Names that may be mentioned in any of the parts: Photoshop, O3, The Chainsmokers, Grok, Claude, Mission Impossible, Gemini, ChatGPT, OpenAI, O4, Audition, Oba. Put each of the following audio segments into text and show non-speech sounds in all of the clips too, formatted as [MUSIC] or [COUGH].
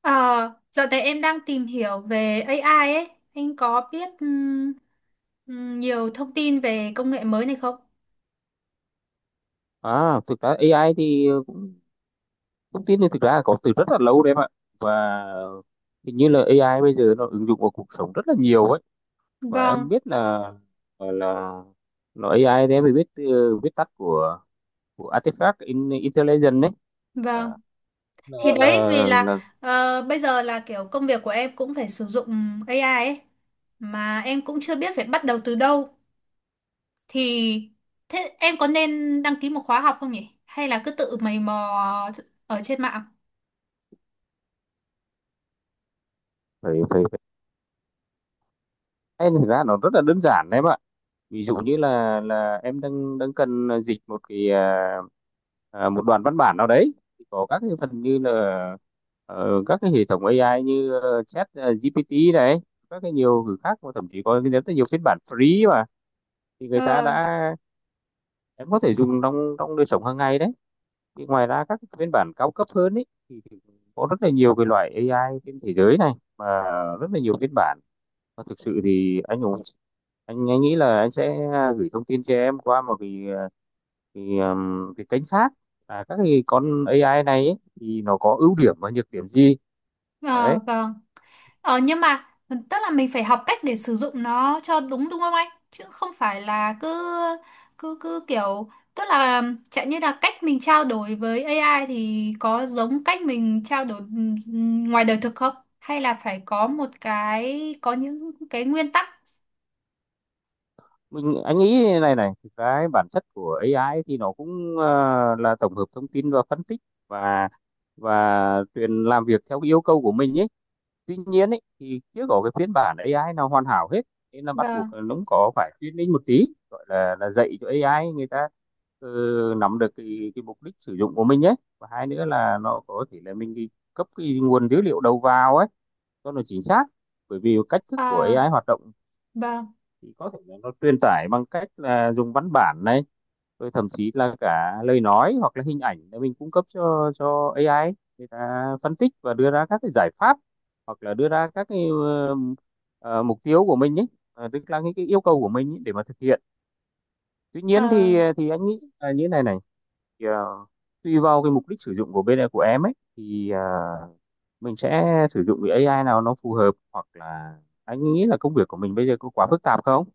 Ờ, Dạo này em đang tìm hiểu về AI ấy. Anh có biết nhiều thông tin về công nghệ mới này không? À, thực ra AI thì thông tin thì thực ra là có từ rất là lâu đấy em ạ và hình như là AI bây giờ nó ứng dụng vào cuộc sống rất là nhiều ấy và Vâng, em biết là là nó AI thì em phải biết từ viết tắt của Artifact in, Intelligence đấy à, vâng. Thì đấy vì là là bây giờ là kiểu công việc của em cũng phải sử dụng AI ấy. Mà em cũng chưa biết phải bắt đầu từ đâu. Thì thế em có nên đăng ký một khóa học không nhỉ? Hay là cứ tự mày mò ở trên mạng? phải phải phải thực ra nó rất là đơn giản đấy em ạ, ví dụ như là em đang đang cần dịch một cái một đoạn văn bản nào đấy thì có các cái phần như là các cái hệ thống AI như chat GPT này, các cái nhiều thứ khác mà thậm chí có rất là nhiều phiên bản free mà thì người ta Ờ, đã em có thể dùng trong trong đời sống hàng ngày đấy. Thì ngoài ra các cái phiên bản cao cấp hơn ấy thì có rất là nhiều cái loại AI trên thế giới này mà rất là nhiều phiên bản, và thực sự thì anh Hùng anh nghĩ là anh sẽ gửi thông tin cho em qua một cái cái kênh khác à, các cái con AI này ấy, thì nó có ưu điểm và nhược điểm gì đấy. ờ, vâng. Nhưng mà tức là mình phải học cách để sử dụng nó cho đúng, đúng không anh? Chứ không phải là cứ cứ cứ kiểu, tức là chẳng như là cách mình trao đổi với AI thì có giống cách mình trao đổi ngoài đời thực không? Hay là phải có những cái nguyên tắc? Mình anh nghĩ này này thực ra ấy, bản chất của AI ấy thì nó cũng là tổng hợp thông tin và phân tích, và và truyền làm việc theo cái yêu cầu của mình ấy. Tuy nhiên ấy, thì chưa có cái phiên bản AI nào hoàn hảo hết, nên là bắt Vâng. buộc là nó cũng có phải training một tí, gọi là dạy cho AI. Người ta ờ, nắm được cái mục đích sử dụng của mình nhé, và hai nữa là nó có thể là mình đi cấp cái nguồn dữ liệu đầu vào ấy cho nó chính xác, bởi vì cách thức của Ờ AI hoạt động vâng. thì có thể là nó truyền tải bằng cách là dùng văn bản này, rồi thậm chí là cả lời nói hoặc là hình ảnh để mình cung cấp cho AI ấy. Người ta phân tích và đưa ra các cái giải pháp, hoặc là đưa ra các cái ờ, mục tiêu của mình ấy. Ờ, tức là những cái yêu cầu của mình ấy để mà thực hiện. Tuy nhiên Ờ thì anh nghĩ là như thế này này, thì tùy vào cái mục đích sử dụng của bên của em ấy thì mình sẽ sử dụng cái AI nào nó phù hợp, hoặc là anh nghĩ là công việc của mình bây giờ có quá phức tạp không?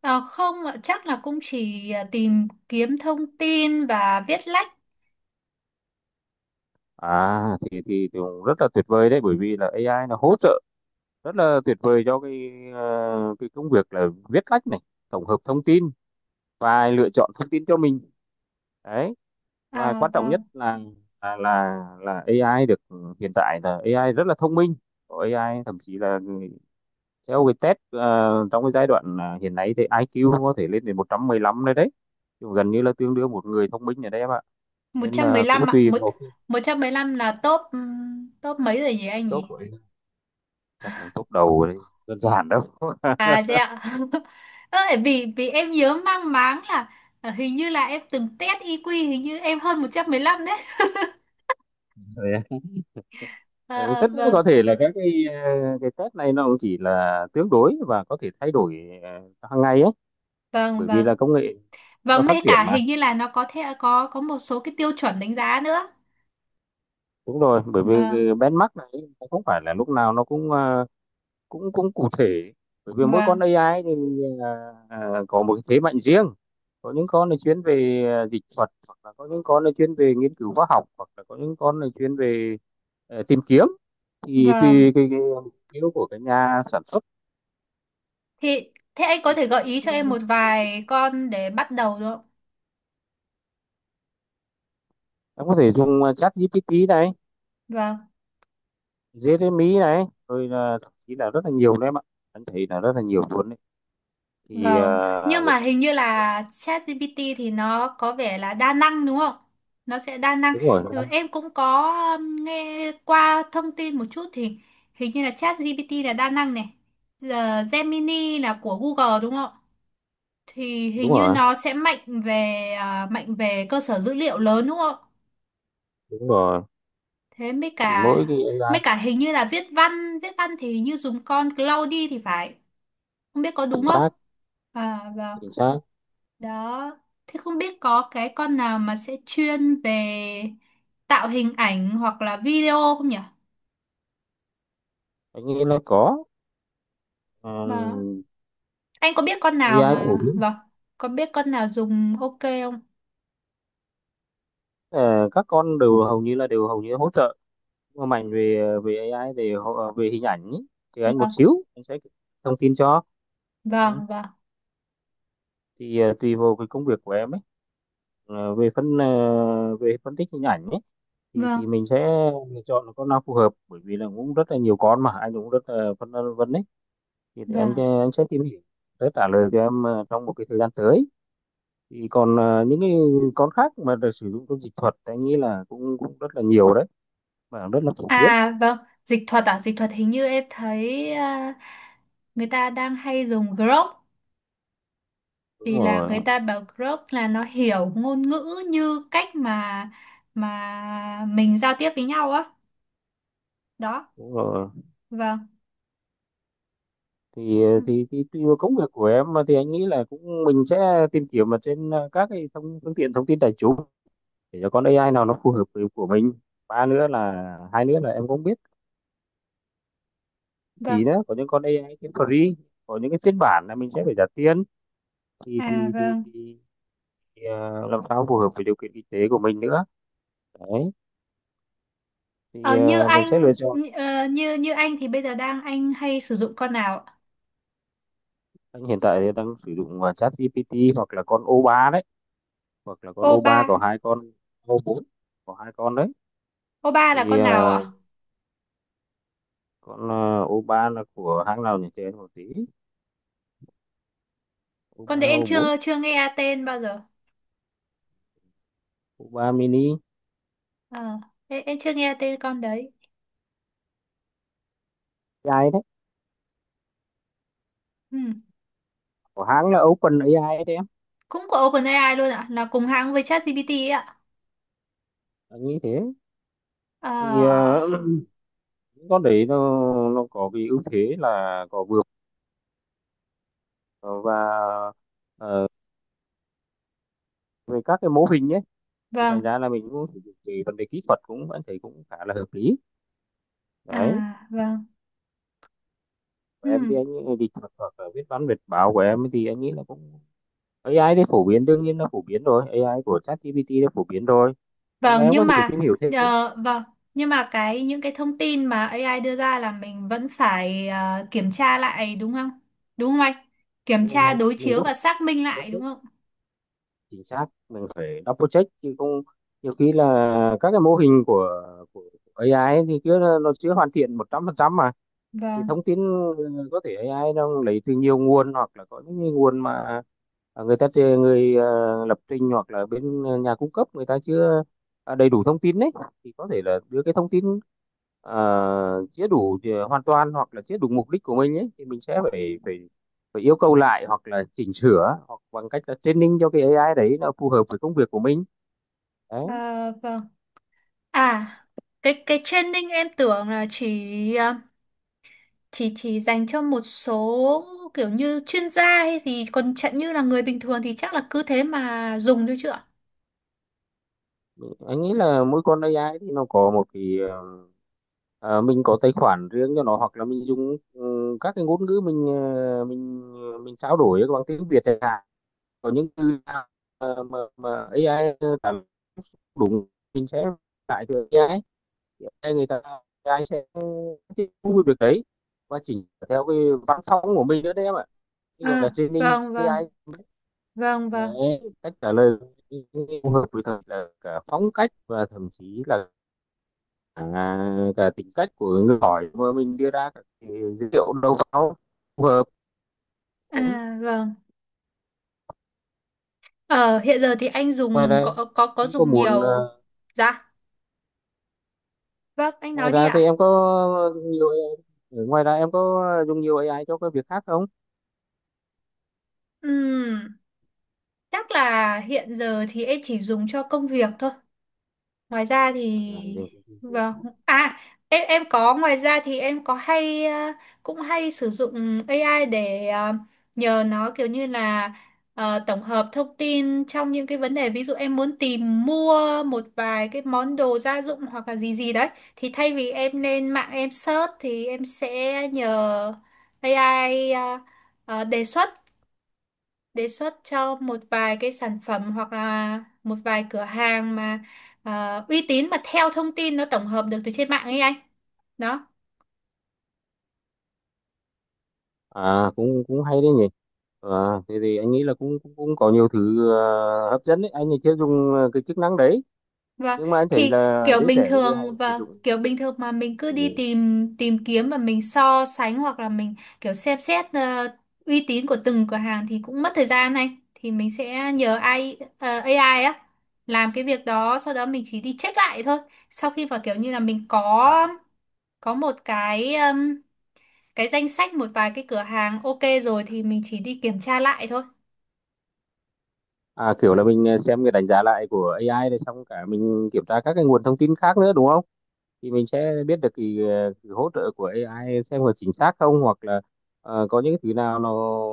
ờ, Không ạ, chắc là cũng chỉ tìm kiếm thông tin và viết lách. À thì cũng rất là tuyệt vời đấy, bởi vì là AI nó hỗ trợ rất là tuyệt vời cho cái cái công việc là viết lách này, tổng hợp thông tin và lựa chọn thông tin cho mình đấy. Và Ờ quan trọng nhất vâng. là AI được ừ, hiện tại là AI rất là thông minh, có AI thậm chí là theo cái test trong cái giai đoạn hiện nay thì AI IQ có thể lên đến 115 đấy đấy, chứ gần như là tương đương một người thông minh ở đấy em ạ. một Nên trăm mười là cũng lăm ạ. tùy Một, vào cái một trăm mười lăm là top, top mấy rồi nhỉ anh top nhỉ? của em, chắc là top đầu đấy, đơn giản đâu. À thế ạ. [LAUGHS] Ơ, vì vì em nhớ mang máng là hình như là em từng test IQ, hình như em hơn 115 đấy. [LAUGHS] Ừ, Ờ, tất nhiên vâng, có thể là các cái cái test này nó cũng chỉ là tương đối và có thể thay đổi hàng ngày ấy, vâng, bởi vì vâng. là công nghệ nó Vâng, mê phát triển cả mà. hình như là nó có thể có một số cái tiêu chuẩn đánh giá nữa. Đúng rồi, bởi vì Vâng, cái benchmark này nó không phải là lúc nào nó cũng cũng cũng cụ thể, bởi vì mỗi con vâng, AI thì có một cái thế mạnh riêng. Có những con là chuyên về dịch thuật, hoặc là có những con là chuyên về nghiên cứu khoa học, hoặc là có những con là chuyên về tìm kiếm, thì vâng. tùy cái mục tiêu của cái nhà sản xuất. Thì thế anh có thể gợi ý cho em Thì một vài con để bắt đầu được không? em có thể dùng chat GPT này, Vâng. Jeremy này, rồi là thậm chí là rất là nhiều đấy em ạ, anh thấy là rất là nhiều luôn đấy. Thì Vâng, nhưng hiện mà tại hình như là ChatGPT thì nó có vẻ là đa năng đúng không? Nó sẽ đa năng. đúng rồi, Ừ, em cũng có nghe qua thông tin một chút thì hình như là ChatGPT là đa năng này. Giờ Gemini là của Google đúng không? Thì hình đúng như rồi, nó sẽ mạnh về cơ sở dữ liệu lớn đúng không? đúng rồi, Thế mới thì cả mỗi cái mới AI cả hình như là viết văn thì hình như dùng con Claude thì phải. Không biết có chính đúng không? xác, À vâng. chính xác. Đó, thế không biết có cái con nào mà sẽ chuyên về tạo hình ảnh hoặc là video không nhỉ? Anh nghĩ là có. Mà Ừm, anh có biết con nào AI phổ mà biến. Vâng, có biết con nào dùng ok không? Ờ, các con đều hầu như là đều hầu như hỗ trợ, nhưng mà mạnh về về AI về về hình ảnh ý, thì anh một Vâng, xíu anh sẽ thông tin cho. Ừ. vâng, vâng, Thì tùy vào cái công việc của em ấy. Ờ, về phân về phân tích hình ảnh ấy thì vâng, mình sẽ lựa chọn con nào phù hợp, bởi vì là cũng rất là nhiều con mà anh cũng rất là phân vân đấy, thì để anh vâng. Anh sẽ tìm hiểu để trả lời cho em trong một cái thời gian tới. Thì còn những cái con khác mà được sử dụng trong dịch thuật anh nghĩ là cũng cũng rất là nhiều đấy và rất là phổ biến. À vâng, dịch thuật hình như em thấy, à, người ta đang hay dùng Grok Đúng vì là người rồi, ta bảo Grok là nó hiểu ngôn ngữ như cách mà mình giao tiếp với nhau á. Đó, đúng rồi, vâng, thì thì tùy vào công việc của em mà thì anh nghĩ là cũng mình sẽ tìm kiếm mà trên các cái thông phương tiện thông tin đại chúng để cho con AI nào nó phù hợp với của mình. Ba nữa là hai nữa là em cũng biết thì vâng. nữa có những con AI cái free, có những cái phiên bản là mình sẽ phải trả tiền, thì À thì thì, vâng. thì, thì làm sao phù hợp với điều kiện kinh tế của mình nữa đấy, thì Ờ, như mình sẽ anh lựa chọn. như, ờ, như như anh thì bây giờ anh hay sử dụng con nào ạ? Anh hiện tại thì đang sử dụng ChatGPT hoặc là con O3 đấy, hoặc là con Oba. O3 có hai con O4, có hai con đấy. Oba là Thì con nào ạ? con O3 là của hãng nào nhỉ chị em một tí. Con O3, đấy em O4, chưa chưa nghe tên bao giờ. O3 mini, Ờ, em chưa nghe tên con đấy. AI đấy Ừ. của hãng là OpenAI đấy, Cũng của OpenAI luôn ạ, là cùng hãng với ChatGPT ấy ạ. anh nghĩ thế. Thì Ờ, những con đấy nó có cái ưu thế là có vượt ờ, và ờ, về các cái mô hình nhé, thì thành vâng. ra là mình cũng sử dụng cái vấn đề kỹ thuật cũng anh thấy cũng khá là hợp lý À đấy. vâng. Và em Ừ. thì anh nghĩ thì thuật hoặc là viết văn viết báo của em thì anh nghĩ là cũng AI thì phổ biến, đương nhiên nó phổ biến rồi, AI của ChatGPT nó phổ biến rồi, nhưng mà Vâng em nhưng có thể mà tìm hiểu thêm. vâng, nhưng mà cái những cái thông tin mà AI đưa ra là mình vẫn phải kiểm tra lại đúng không? Đúng không anh? Kiểm Đúng tra rồi, đối mình chiếu và xác minh có lại thể đúng không? chính xác, mình phải double check chứ không, nhiều khi là các cái mô hình của của A AI kia nó chưa hoàn thiện 100% mà. Thì Vâng. thông tin ừ, có thể AI nó lấy từ nhiều nguồn, hoặc là có những cái nguồn mà à, người ta người lập trình hoặc là bên nhà cung cấp người ta chưa à, đầy đủ thông tin đấy, thì có thể là đưa cái thông tin chưa đủ thì hoàn toàn hoặc là chưa đủ mục đích của mình ấy, thì mình sẽ phải phải phải yêu cầu lại hoặc là chỉnh sửa hoặc bằng cách là training cho cái AI đấy nó phù hợp với công việc của mình đấy. À, vâng. À, cái training em tưởng là chỉ ờ, chỉ dành cho một số kiểu như chuyên gia hay gì, còn chẳng như là người bình thường thì chắc là cứ thế mà dùng thôi chứ ạ. Anh nghĩ là mỗi con AI thì nó có một cái mình có tài khoản riêng cho nó, hoặc là mình dùng ừ, các cái ngôn ngữ mình mình trao đổi bằng tiếng Việt chẳng hạn, có những từ nào mà AI cảm đúng mình sẽ lại cho AI, AI người ta AI sẽ tiếp thu được đấy, và chỉnh theo cái văn phong của mình nữa đấy em ạ, chứ còn là À, training vâng, vâng, AI đấy, vâng, vâng. để cách trả lời phù hợp với thật là cả phong cách và thậm chí là à, cả tính cách của người hỏi mà mình đưa ra các cái dữ liệu đầu vào phù hợp. À Đúng. vâng. Ờ Hiện giờ thì anh Ngoài dùng ra có em có dùng muốn nhiều? Dạ, vâng, anh ngoài nói đi ra thì ạ. em có nhiều AI, ngoài ra em có dùng nhiều AI cho cái việc khác không Ừm, Chắc là hiện giờ thì em chỉ dùng cho công việc thôi. Ngoài ra à, thì, thì- vâng. À, em có, ngoài ra thì em có hay cũng hay sử dụng AI để nhờ nó kiểu như là, tổng hợp thông tin trong những cái vấn đề, ví dụ em muốn tìm mua một vài cái món đồ gia dụng hoặc là gì gì đấy thì thay vì em lên mạng em search thì em sẽ nhờ AI, ờ, đề xuất đề xuất cho một vài cái sản phẩm hoặc là một vài cửa hàng mà uy tín, mà theo thông tin nó tổng hợp được từ trên mạng ấy anh. Đó. à cũng cũng hay đấy nhỉ, à, thế thì anh nghĩ là cũng cũng, cũng có nhiều thứ hấp dẫn đấy, anh thì chưa dùng cái chức năng đấy Và nhưng mà anh thấy thì là kiểu giới bình trẻ bây giờ hay thường sử và dụng. kiểu bình thường mà mình cứ đi Ừ. tìm tìm kiếm và mình so sánh hoặc là mình kiểu xem xét uy tín của từng cửa hàng thì cũng mất thời gian anh, thì mình sẽ nhờ AI, AI á, làm cái việc đó, sau đó mình chỉ đi check lại thôi, sau khi mà kiểu như là mình À, có một cái danh sách một vài cái cửa hàng ok rồi thì mình chỉ đi kiểm tra lại thôi. à, kiểu là mình xem cái đánh giá lại của AI rồi xong cả mình kiểm tra các cái nguồn thông tin khác nữa đúng không? Thì mình sẽ biết được cái hỗ trợ của AI xem có chính xác không, hoặc là có những cái thứ nào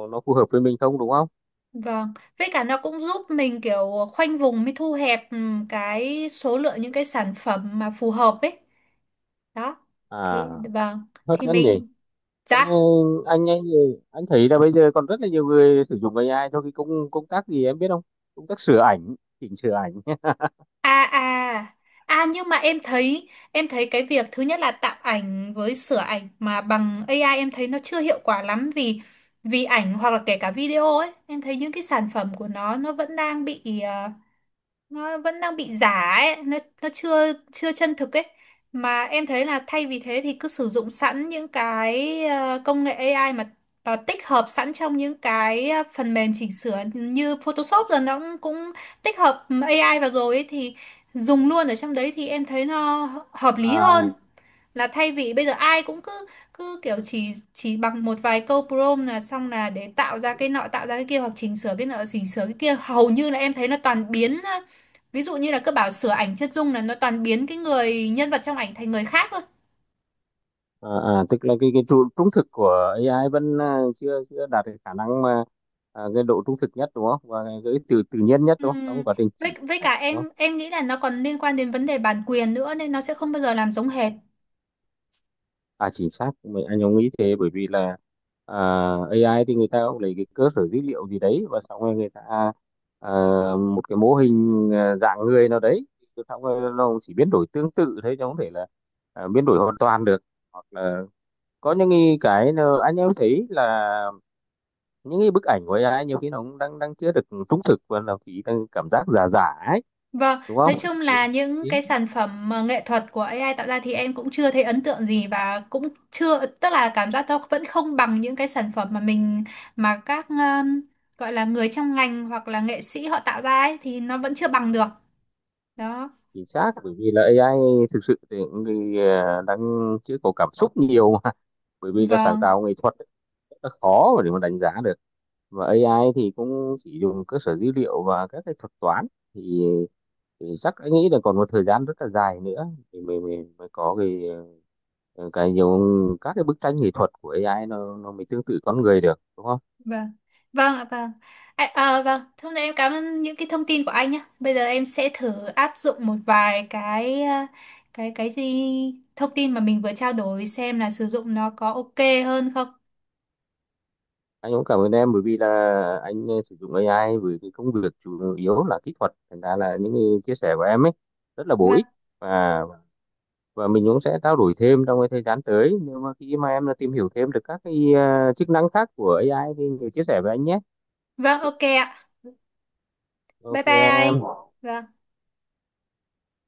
nó phù hợp với mình không đúng không? Vâng, với cả nó cũng giúp mình kiểu khoanh vùng mới thu hẹp, cái số lượng những cái sản phẩm mà phù hợp ấy. Đó. À, Thì, vâng. hấp Thì dẫn nhỉ. mình, Anh dạ. anh ấy, anh thấy là bây giờ còn rất là nhiều người sử dụng AI cho cái công công tác gì em biết không? Công tác sửa ảnh, chỉnh sửa ảnh. [LAUGHS] à à nhưng mà em thấy cái việc thứ nhất là tạo ảnh với sửa ảnh mà bằng AI em thấy nó chưa hiệu quả lắm, vì vì ảnh hoặc là kể cả video ấy, em thấy những cái sản phẩm của nó vẫn đang bị giả ấy, nó chưa chưa chân thực ấy. Mà em thấy là thay vì thế thì cứ sử dụng sẵn những cái công nghệ AI, mà và tích hợp sẵn trong những cái phần mềm chỉnh sửa như Photoshop rồi, nó cũng tích hợp AI vào rồi ấy, thì dùng luôn ở trong đấy thì em thấy nó hợp lý hơn, À, là thay vì bây giờ ai cũng cứ cứ kiểu chỉ bằng một vài câu prompt là xong, là để tạo ra cái nọ tạo ra cái kia hoặc chỉnh sửa cái nọ chỉnh sửa cái kia. Hầu như là em thấy là toàn biến, ví dụ như là cứ bảo sửa ảnh chân dung là nó toàn biến cái người nhân vật trong ảnh thành người khác thôi. à, à, tức là cái trung thực của AI vẫn à, chưa chưa đạt được khả năng mà à, cái độ trung thực nhất đúng không, và cái tự tự nhiên nhất đúng không, trong Ừm, quá trình chỉnh Với, thực với ảnh cả đúng không. em nghĩ là nó còn liên quan đến vấn đề bản quyền nữa nên nó sẽ không bao giờ làm giống hệt. À chính xác mình anh cũng nghĩ thế bởi vì là à, AI thì người ta cũng lấy cái cơ sở dữ liệu gì đấy và xong rồi người ta à, một cái mô hình à, dạng người nào đấy, rồi xong rồi nó cũng chỉ biến đổi tương tự thế chứ không thể là à, biến đổi hoàn toàn được. Hoặc là có những cái nó- anh em thấy là những cái bức ảnh của AI nhiều khi nó cũng đang đang chưa được trung thực và nó chỉ đang cảm giác giả giả ấy. Vâng, Đúng nói không chung là chỉ những cái chính sản phẩm mà nghệ thuật của AI tạo ra thì em cũng chưa thấy ấn tượng gì và cũng chưa, tức là cảm giác nó vẫn không bằng những cái sản phẩm mà mình mà các, gọi là người trong ngành hoặc là nghệ sĩ họ tạo ra ấy thì nó vẫn chưa bằng được. Đó. chính xác bởi vì là AI thực sự thì cũng thì, đang chưa có cảm xúc nhiều mà, bởi vì là sáng Vâng, tạo nghệ thuật ấy, rất là khó mà để mà đánh giá được, và AI thì cũng chỉ dùng cơ sở dữ liệu và các cái thuật toán, thì, thì chắc anh nghĩ là còn một thời gian rất là dài nữa thì mình mới có cái cái nhiều các cái bức tranh nghệ thuật của AI nó mới tương tự con người được đúng không. vâng. Vâng ạ, vâng. À, vâng, thế hôm nay em cảm ơn những cái thông tin của anh nhé. Bây giờ em sẽ thử áp dụng một vài cái ờ, cái gì thông tin mà mình vừa trao đổi xem là sử dụng nó có ok hơn không. Anh cũng cảm ơn em bởi vì là anh sử dụng AI với cái công việc chủ yếu là kỹ thuật, thành ra là những cái chia sẻ của em ấy rất là bổ Vâng. ích, và mình cũng sẽ trao đổi thêm trong cái thời gian tới nếu mà khi mà em đã tìm hiểu thêm được các cái chức năng khác của AI thì mình chia sẻ với anh nhé Vâng, ok ạ. Bye bye anh. ok Vâng.